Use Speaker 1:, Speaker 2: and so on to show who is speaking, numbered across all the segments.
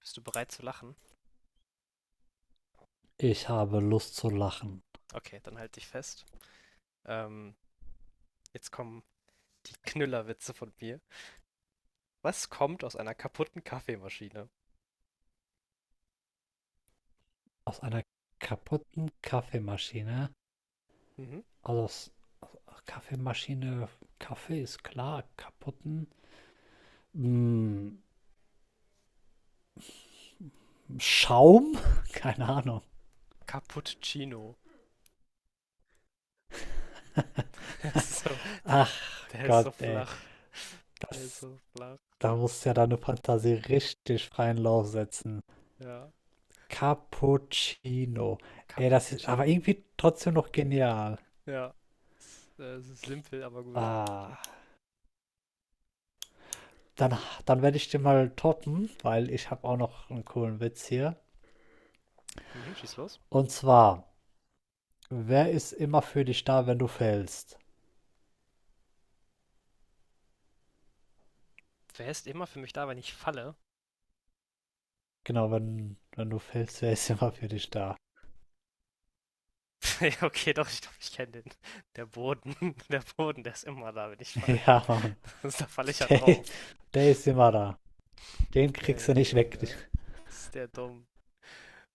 Speaker 1: Bist du bereit zu lachen?
Speaker 2: Ich habe Lust zu lachen.
Speaker 1: Okay, dann halt dich fest. Ähm, jetzt kommen die Knüllerwitze von mir. Was kommt aus einer kaputten Kaffeemaschine?
Speaker 2: Aus einer kaputten Kaffeemaschine,
Speaker 1: Mhm.
Speaker 2: also aus Kaffeemaschine, Kaffee ist klar, kaputten mm, Schaum? Keine Ahnung.
Speaker 1: Cappuccino. Der ist so,
Speaker 2: Ach
Speaker 1: der ist so
Speaker 2: Gott, ey.
Speaker 1: flach. Der ist so flach.
Speaker 2: Da musst du ja deine Fantasie richtig freien Lauf setzen.
Speaker 1: Ja.
Speaker 2: Cappuccino. Ey, das ist aber
Speaker 1: Cappuccino.
Speaker 2: irgendwie trotzdem noch genial.
Speaker 1: Ja. Ist simpel, aber gut.
Speaker 2: Ah, dann, dann werde ich den mal toppen, weil ich habe auch noch einen coolen Witz hier.
Speaker 1: Mhm, schieß los.
Speaker 2: Und zwar, wer ist immer für dich da, wenn du fällst?
Speaker 1: Wer ist immer für mich da, wenn ich falle?
Speaker 2: Genau, wenn du fällst, wer ist immer für dich da?
Speaker 1: Okay, doch, ich glaube, ich kenne den. Der Boden. Der Boden, der ist immer da, wenn ich falle.
Speaker 2: Ja, Mann.
Speaker 1: Da falle ich ja
Speaker 2: Der,
Speaker 1: drauf.
Speaker 2: der ist immer da. Den kriegst du
Speaker 1: Ey,
Speaker 2: nicht weg.
Speaker 1: Junge. Ist der dumm.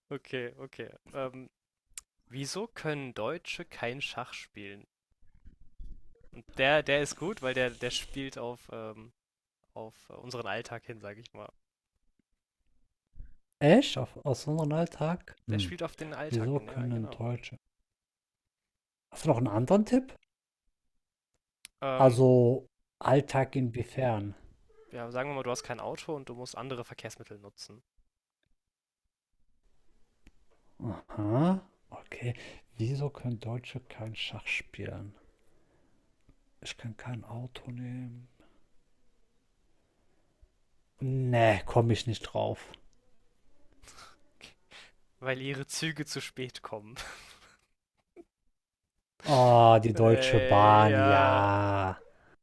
Speaker 1: Okay, okay. Wieso können Deutsche kein Schach spielen? Und der, der ist gut, weil der, der spielt auf unseren Alltag hin, sag ich mal.
Speaker 2: Echt? Auf, aus unserem Alltag?
Speaker 1: Der
Speaker 2: Hm.
Speaker 1: spielt auf den Alltag
Speaker 2: Wieso
Speaker 1: hin, ja,
Speaker 2: können
Speaker 1: genau.
Speaker 2: Deutsche? Hast du noch einen anderen Tipp?
Speaker 1: Ähm,
Speaker 2: Also, Alltag inwiefern?
Speaker 1: ja, sagen wir mal, du hast kein Auto und du musst andere Verkehrsmittel nutzen,
Speaker 2: Aha, okay. Wieso können Deutsche kein Schach spielen? Ich kann kein Auto nehmen. Nee, komme ich nicht drauf.
Speaker 1: weil ihre Züge zu spät kommen.
Speaker 2: Oh, die Deutsche
Speaker 1: Äh,
Speaker 2: Bahn,
Speaker 1: ja,
Speaker 2: ja.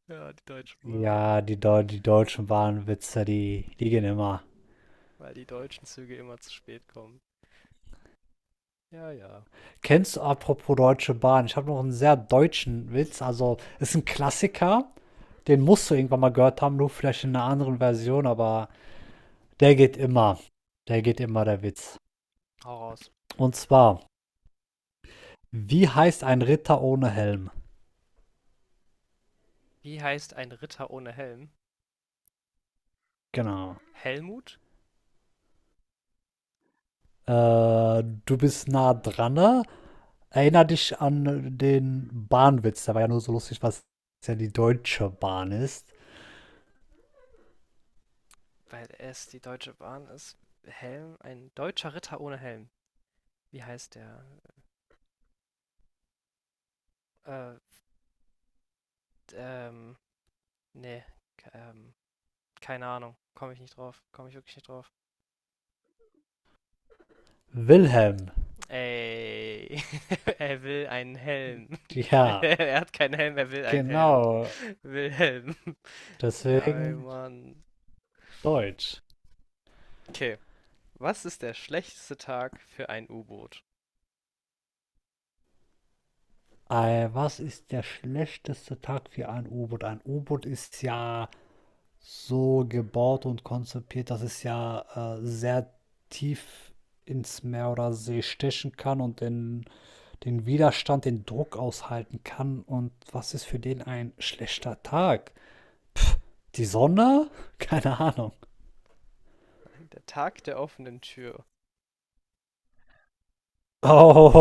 Speaker 1: ja, die Deutschen Bahn,
Speaker 2: Ja, die, Deu die deutschen Bahnwitze, die gehen immer.
Speaker 1: weil die deutschen Züge immer zu spät kommen. Ja, ja,
Speaker 2: Kennst du apropos Deutsche Bahn? Ich habe noch einen sehr deutschen Witz. Also, ist ein Klassiker. Den musst du irgendwann mal gehört haben, nur vielleicht in einer anderen Version, aber der geht immer. Der geht immer, der Witz.
Speaker 1: hau raus.
Speaker 2: Und zwar, wie heißt ein Ritter ohne Helm?
Speaker 1: Wie heißt ein Ritter ohne Helm?
Speaker 2: Genau.
Speaker 1: Helmut?
Speaker 2: Du bist nah dran, ne? Erinner dich an den Bahnwitz. Der war ja nur so lustig, was ja die Deutsche Bahn ist.
Speaker 1: Weil es die Deutsche Bahn ist, Helm, ein deutscher Ritter ohne Helm. Wie heißt der? Äh, ähm, nee, ähm, keine Ahnung. Komme ich nicht drauf. Komme ich wirklich nicht drauf.
Speaker 2: Wilhelm,
Speaker 1: Ey, er will einen Helm.
Speaker 2: ja,
Speaker 1: Er hat keinen Helm, er will einen Helm.
Speaker 2: genau,
Speaker 1: Wilhelm. Ja, ey,
Speaker 2: deswegen
Speaker 1: Mann.
Speaker 2: Deutsch.
Speaker 1: Okay. Was ist der schlechteste Tag für ein U-Boot?
Speaker 2: Was ist der schlechteste Tag für ein U-Boot? Ein U-Boot ist ja so gebaut und konzipiert, dass es ja sehr tief ins Meer oder See stechen kann und den, den Widerstand, den Druck aushalten kann. Und was ist für den ein schlechter Tag? Die Sonne? Keine Ahnung.
Speaker 1: Nein, der Tag der offenen Tür.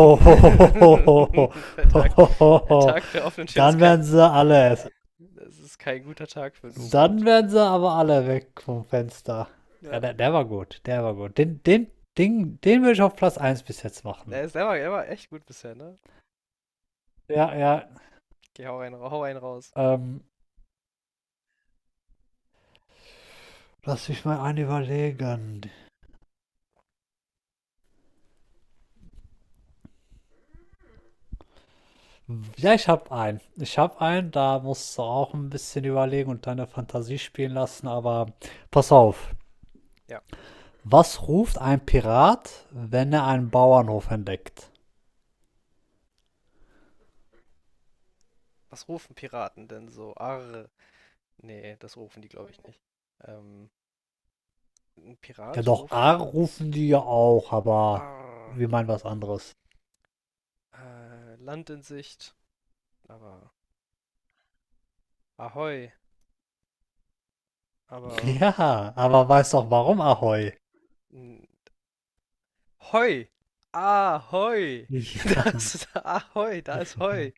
Speaker 1: Der Tag, der Tag der offenen Tür ist
Speaker 2: dann werden
Speaker 1: kein
Speaker 2: sie alle.
Speaker 1: Das ist kein guter Tag für ein
Speaker 2: Dann
Speaker 1: U-Boot.
Speaker 2: werden sie aber alle weg vom Fenster.
Speaker 1: Ja.
Speaker 2: Ja, der, der war gut, der war gut. Den, den, den, den würde ich auf Platz eins bis jetzt machen.
Speaker 1: Er war echt gut bisher, ne?
Speaker 2: Ja, ja,
Speaker 1: Okay, hau einen raus.
Speaker 2: ähm, lass mich mal einen überlegen. Ja, ich hab einen. Ich hab einen, da musst du auch ein bisschen überlegen und deine Fantasie spielen lassen, aber pass auf.
Speaker 1: Ja.
Speaker 2: Was ruft ein Pirat, wenn er einen Bauernhof entdeckt?
Speaker 1: Was rufen Piraten denn so? Arr. Nee, das rufen die, glaube ich, nicht. Ähm, ein
Speaker 2: Ja,
Speaker 1: Pirat
Speaker 2: doch,
Speaker 1: ruft
Speaker 2: A rufen die ja auch, aber
Speaker 1: Arr.
Speaker 2: wir meinen was anderes.
Speaker 1: Land in Sicht. Aber Ahoi. Aber
Speaker 2: Ja, aber weißt doch warum, Ahoi?
Speaker 1: n- Hoi. Ahoi. Da
Speaker 2: Ja,
Speaker 1: ist Ahoi. Da ist Hoi.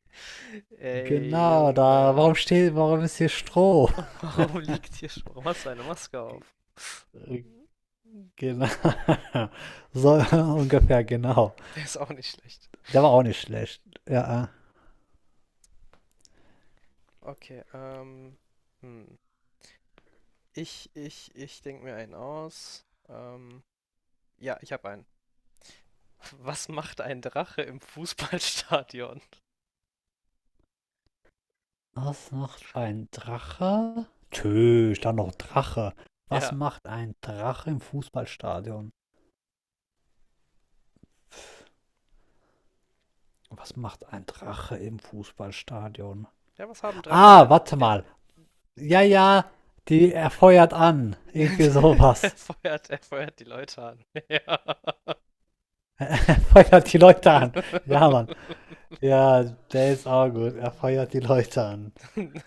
Speaker 1: Ey,
Speaker 2: genau, da,
Speaker 1: Junge.
Speaker 2: warum steht, warum ist hier Stroh?
Speaker 1: Warum liegt hier schon? Warum hast du eine Maske auf?
Speaker 2: Äh, Genau. So
Speaker 1: Okay,
Speaker 2: ungefähr, genau.
Speaker 1: der ist auch nicht schlecht.
Speaker 2: Der war auch nicht schlecht. Ja.
Speaker 1: Okay, hm. Ich denke mir einen aus. Ja, ich habe einen. Was macht ein Drache im Fußballstadion?
Speaker 2: Was macht ein Drache? Tö, stand noch Drache. Was
Speaker 1: Ja.
Speaker 2: macht ein Drache im Fußballstadion? Was macht ein Drache im Fußballstadion?
Speaker 1: Ja, was haben Drachen
Speaker 2: Ah,
Speaker 1: denn?
Speaker 2: warte
Speaker 1: Ja.
Speaker 2: mal. Ja, ja, die er feuert an. Irgendwie
Speaker 1: Er
Speaker 2: sowas.
Speaker 1: feuert, er feuert die Leute an. Ja.
Speaker 2: Er feuert die Leute an. Ja, Mann. Ja, der ist auch gut. Er feuert die Leute an.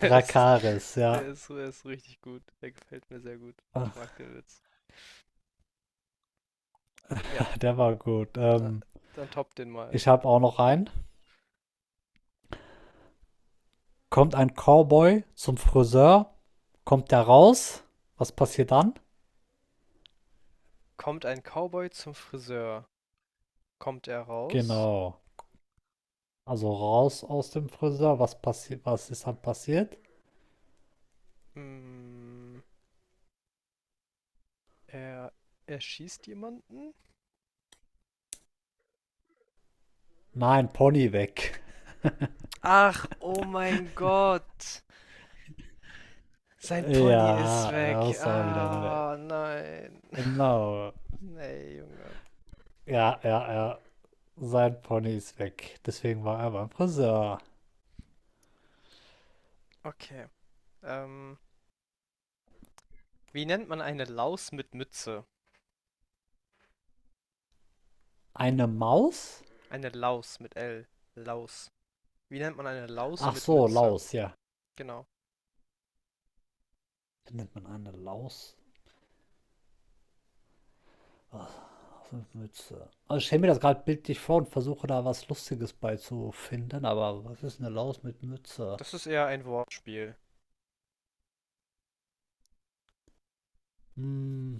Speaker 1: Es-
Speaker 2: ja.
Speaker 1: der ist richtig gut. Der gefällt mir sehr gut. Ich mag den Witz. Ja,
Speaker 2: Der war gut.
Speaker 1: äh, dann top den mal.
Speaker 2: Ich habe auch noch einen. Kommt ein Cowboy zum Friseur, kommt der raus. Was passiert dann?
Speaker 1: Kommt ein Cowboy zum Friseur? Kommt er raus?
Speaker 2: Genau. Also raus aus dem Friseur. Was passiert? Was ist dann passiert?
Speaker 1: Hm, er erschießt jemanden?
Speaker 2: Nein, Pony weg.
Speaker 1: Ach, oh mein Gott. Sein Pony ist
Speaker 2: Ja, da
Speaker 1: weg.
Speaker 2: ist auch wieder mal der.
Speaker 1: Ah, nein.
Speaker 2: Genau.
Speaker 1: Nee, Junge.
Speaker 2: Ja, ja, ja. Sein Pony ist weg. Deswegen war er beim Friseur.
Speaker 1: Okay. Ähm, wie nennt man eine Laus mit Mütze?
Speaker 2: Eine Maus?
Speaker 1: Eine Laus mit L. Laus. Wie nennt man eine Laus
Speaker 2: Ach
Speaker 1: mit
Speaker 2: so,
Speaker 1: Mütze?
Speaker 2: Laus, ja.
Speaker 1: Genau.
Speaker 2: Findet man eine Laus? Ach, so Mütze. Also ich stelle mir das gerade bildlich vor und versuche da was Lustiges beizufinden, aber was ist eine Laus mit Mütze?
Speaker 1: Das ist eher ein Wortspiel.
Speaker 2: Hm,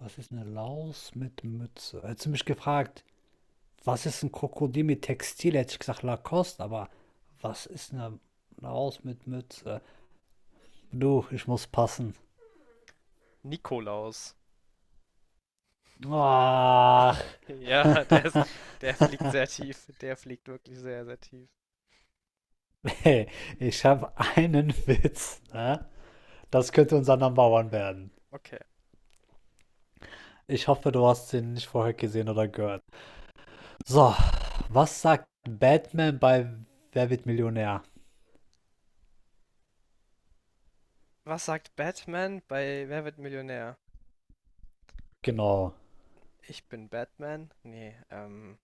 Speaker 2: was ist eine Laus mit Mütze? Hättest du mich gefragt, was ist ein Krokodil mit Textil? Hätte ich gesagt Lacoste, aber was ist eine Laus mit Mütze? Du, ich muss passen.
Speaker 1: Nikolaus.
Speaker 2: Ach,
Speaker 1: Ja, der ist, der fliegt sehr tief. Der fliegt wirklich sehr, sehr tief.
Speaker 2: hey, ich habe einen Witz, ne? Das könnte unser Number One werden.
Speaker 1: Okay.
Speaker 2: Ich hoffe, du hast den nicht vorher gesehen oder gehört. So, was sagt Batman bei Wer wird Millionär?
Speaker 1: Was sagt Batman bei Wer wird Millionär?
Speaker 2: Genau.
Speaker 1: Ich bin Batman? Nee,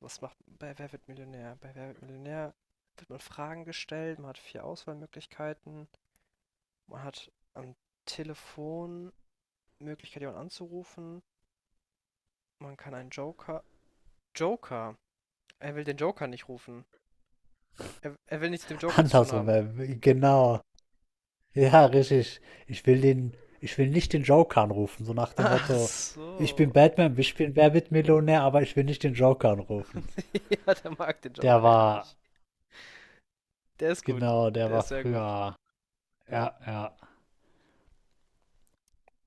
Speaker 1: was macht bei Wer wird Millionär? Bei Wer wird Millionär wird man Fragen gestellt, man hat vier Auswahlmöglichkeiten, man hat am Telefon Möglichkeit, jemanden anzurufen, man kann einen Joker. Joker! Er will den Joker nicht rufen. Er will nichts mit dem Joker zu tun
Speaker 2: Andersrum,
Speaker 1: haben.
Speaker 2: wer, genau. Ja, richtig. Ich will den, ich will nicht den Joker anrufen, so nach dem
Speaker 1: Ach
Speaker 2: Motto, ich bin
Speaker 1: so.
Speaker 2: Batman, ich bin Wer wird Millionär, aber ich will nicht den Joker anrufen.
Speaker 1: Ja, der mag den
Speaker 2: Der
Speaker 1: Joker ja
Speaker 2: war,
Speaker 1: nicht. Der ist gut.
Speaker 2: genau, der
Speaker 1: Der
Speaker 2: war
Speaker 1: ist sehr gut.
Speaker 2: früher. Ja, ja.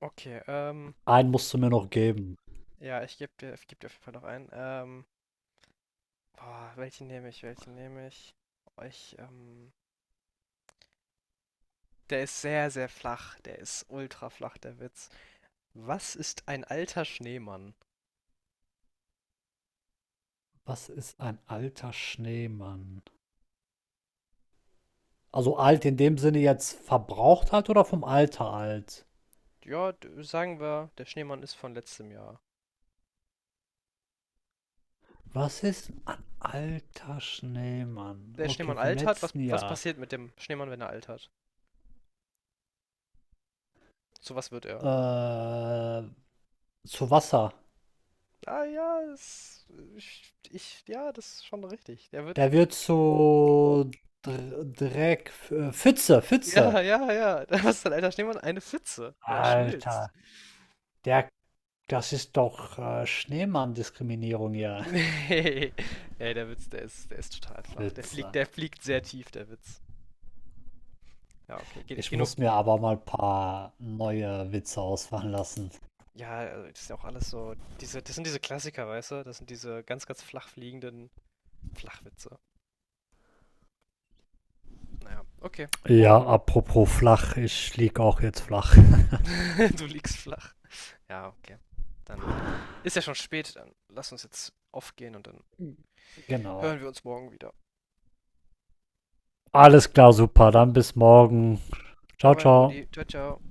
Speaker 1: Okay,
Speaker 2: Einen musst du mir noch geben.
Speaker 1: ja, ich geb dir auf jeden Fall noch einen. Boah, welchen nehme ich? Welchen nehme ich? Oh, der ist sehr, sehr flach. Der ist ultra flach, der Witz. Was ist ein alter Schneemann?
Speaker 2: Was ist ein alter Schneemann? Also alt in dem Sinne jetzt verbraucht alt oder vom Alter alt?
Speaker 1: Ja, sagen wir, der Schneemann ist von letztem Jahr.
Speaker 2: Was ist ein alter Schneemann?
Speaker 1: Der
Speaker 2: Okay,
Speaker 1: Schneemann
Speaker 2: vom
Speaker 1: altert. Was,
Speaker 2: letzten
Speaker 1: was
Speaker 2: Jahr.
Speaker 1: passiert mit dem Schneemann, wenn er altert? Zu was wird er?
Speaker 2: Äh, zu Wasser.
Speaker 1: Ah ja, ja, das ist schon richtig. Der wird
Speaker 2: Der wird zu Dreck, Pfütze, Pfütze.
Speaker 1: Ja, ja, ja. Da ist dein alter Schneemann eine Pfütze, weil er schmilzt.
Speaker 2: Alter, der, das ist doch Schneemann-Diskriminierung hier.
Speaker 1: Nee. Ey, der Witz, der ist total flach. Der fliegt,
Speaker 2: Witze.
Speaker 1: der fliegt sehr tief, der Witz. Ja, okay. Ge
Speaker 2: Ich
Speaker 1: genug.
Speaker 2: muss mir aber mal ein paar neue Witze ausfallen lassen.
Speaker 1: Ja, also das ist ja auch alles so. Das sind diese Klassiker, weißt du? Das sind diese ganz, ganz flach fliegenden Flachwitze. Naja, okay. Mo,
Speaker 2: Ja, apropos flach, ich lieg auch jetzt flach.
Speaker 1: Du liegst flach. Ja, okay. Dann ist ja schon spät. Dann lass uns jetzt aufgehen und dann
Speaker 2: Genau.
Speaker 1: hören wir uns morgen wieder.
Speaker 2: Alles klar, super. Dann bis morgen. Ciao,
Speaker 1: Euer
Speaker 2: ciao.
Speaker 1: Brudi. Ciao, ciao.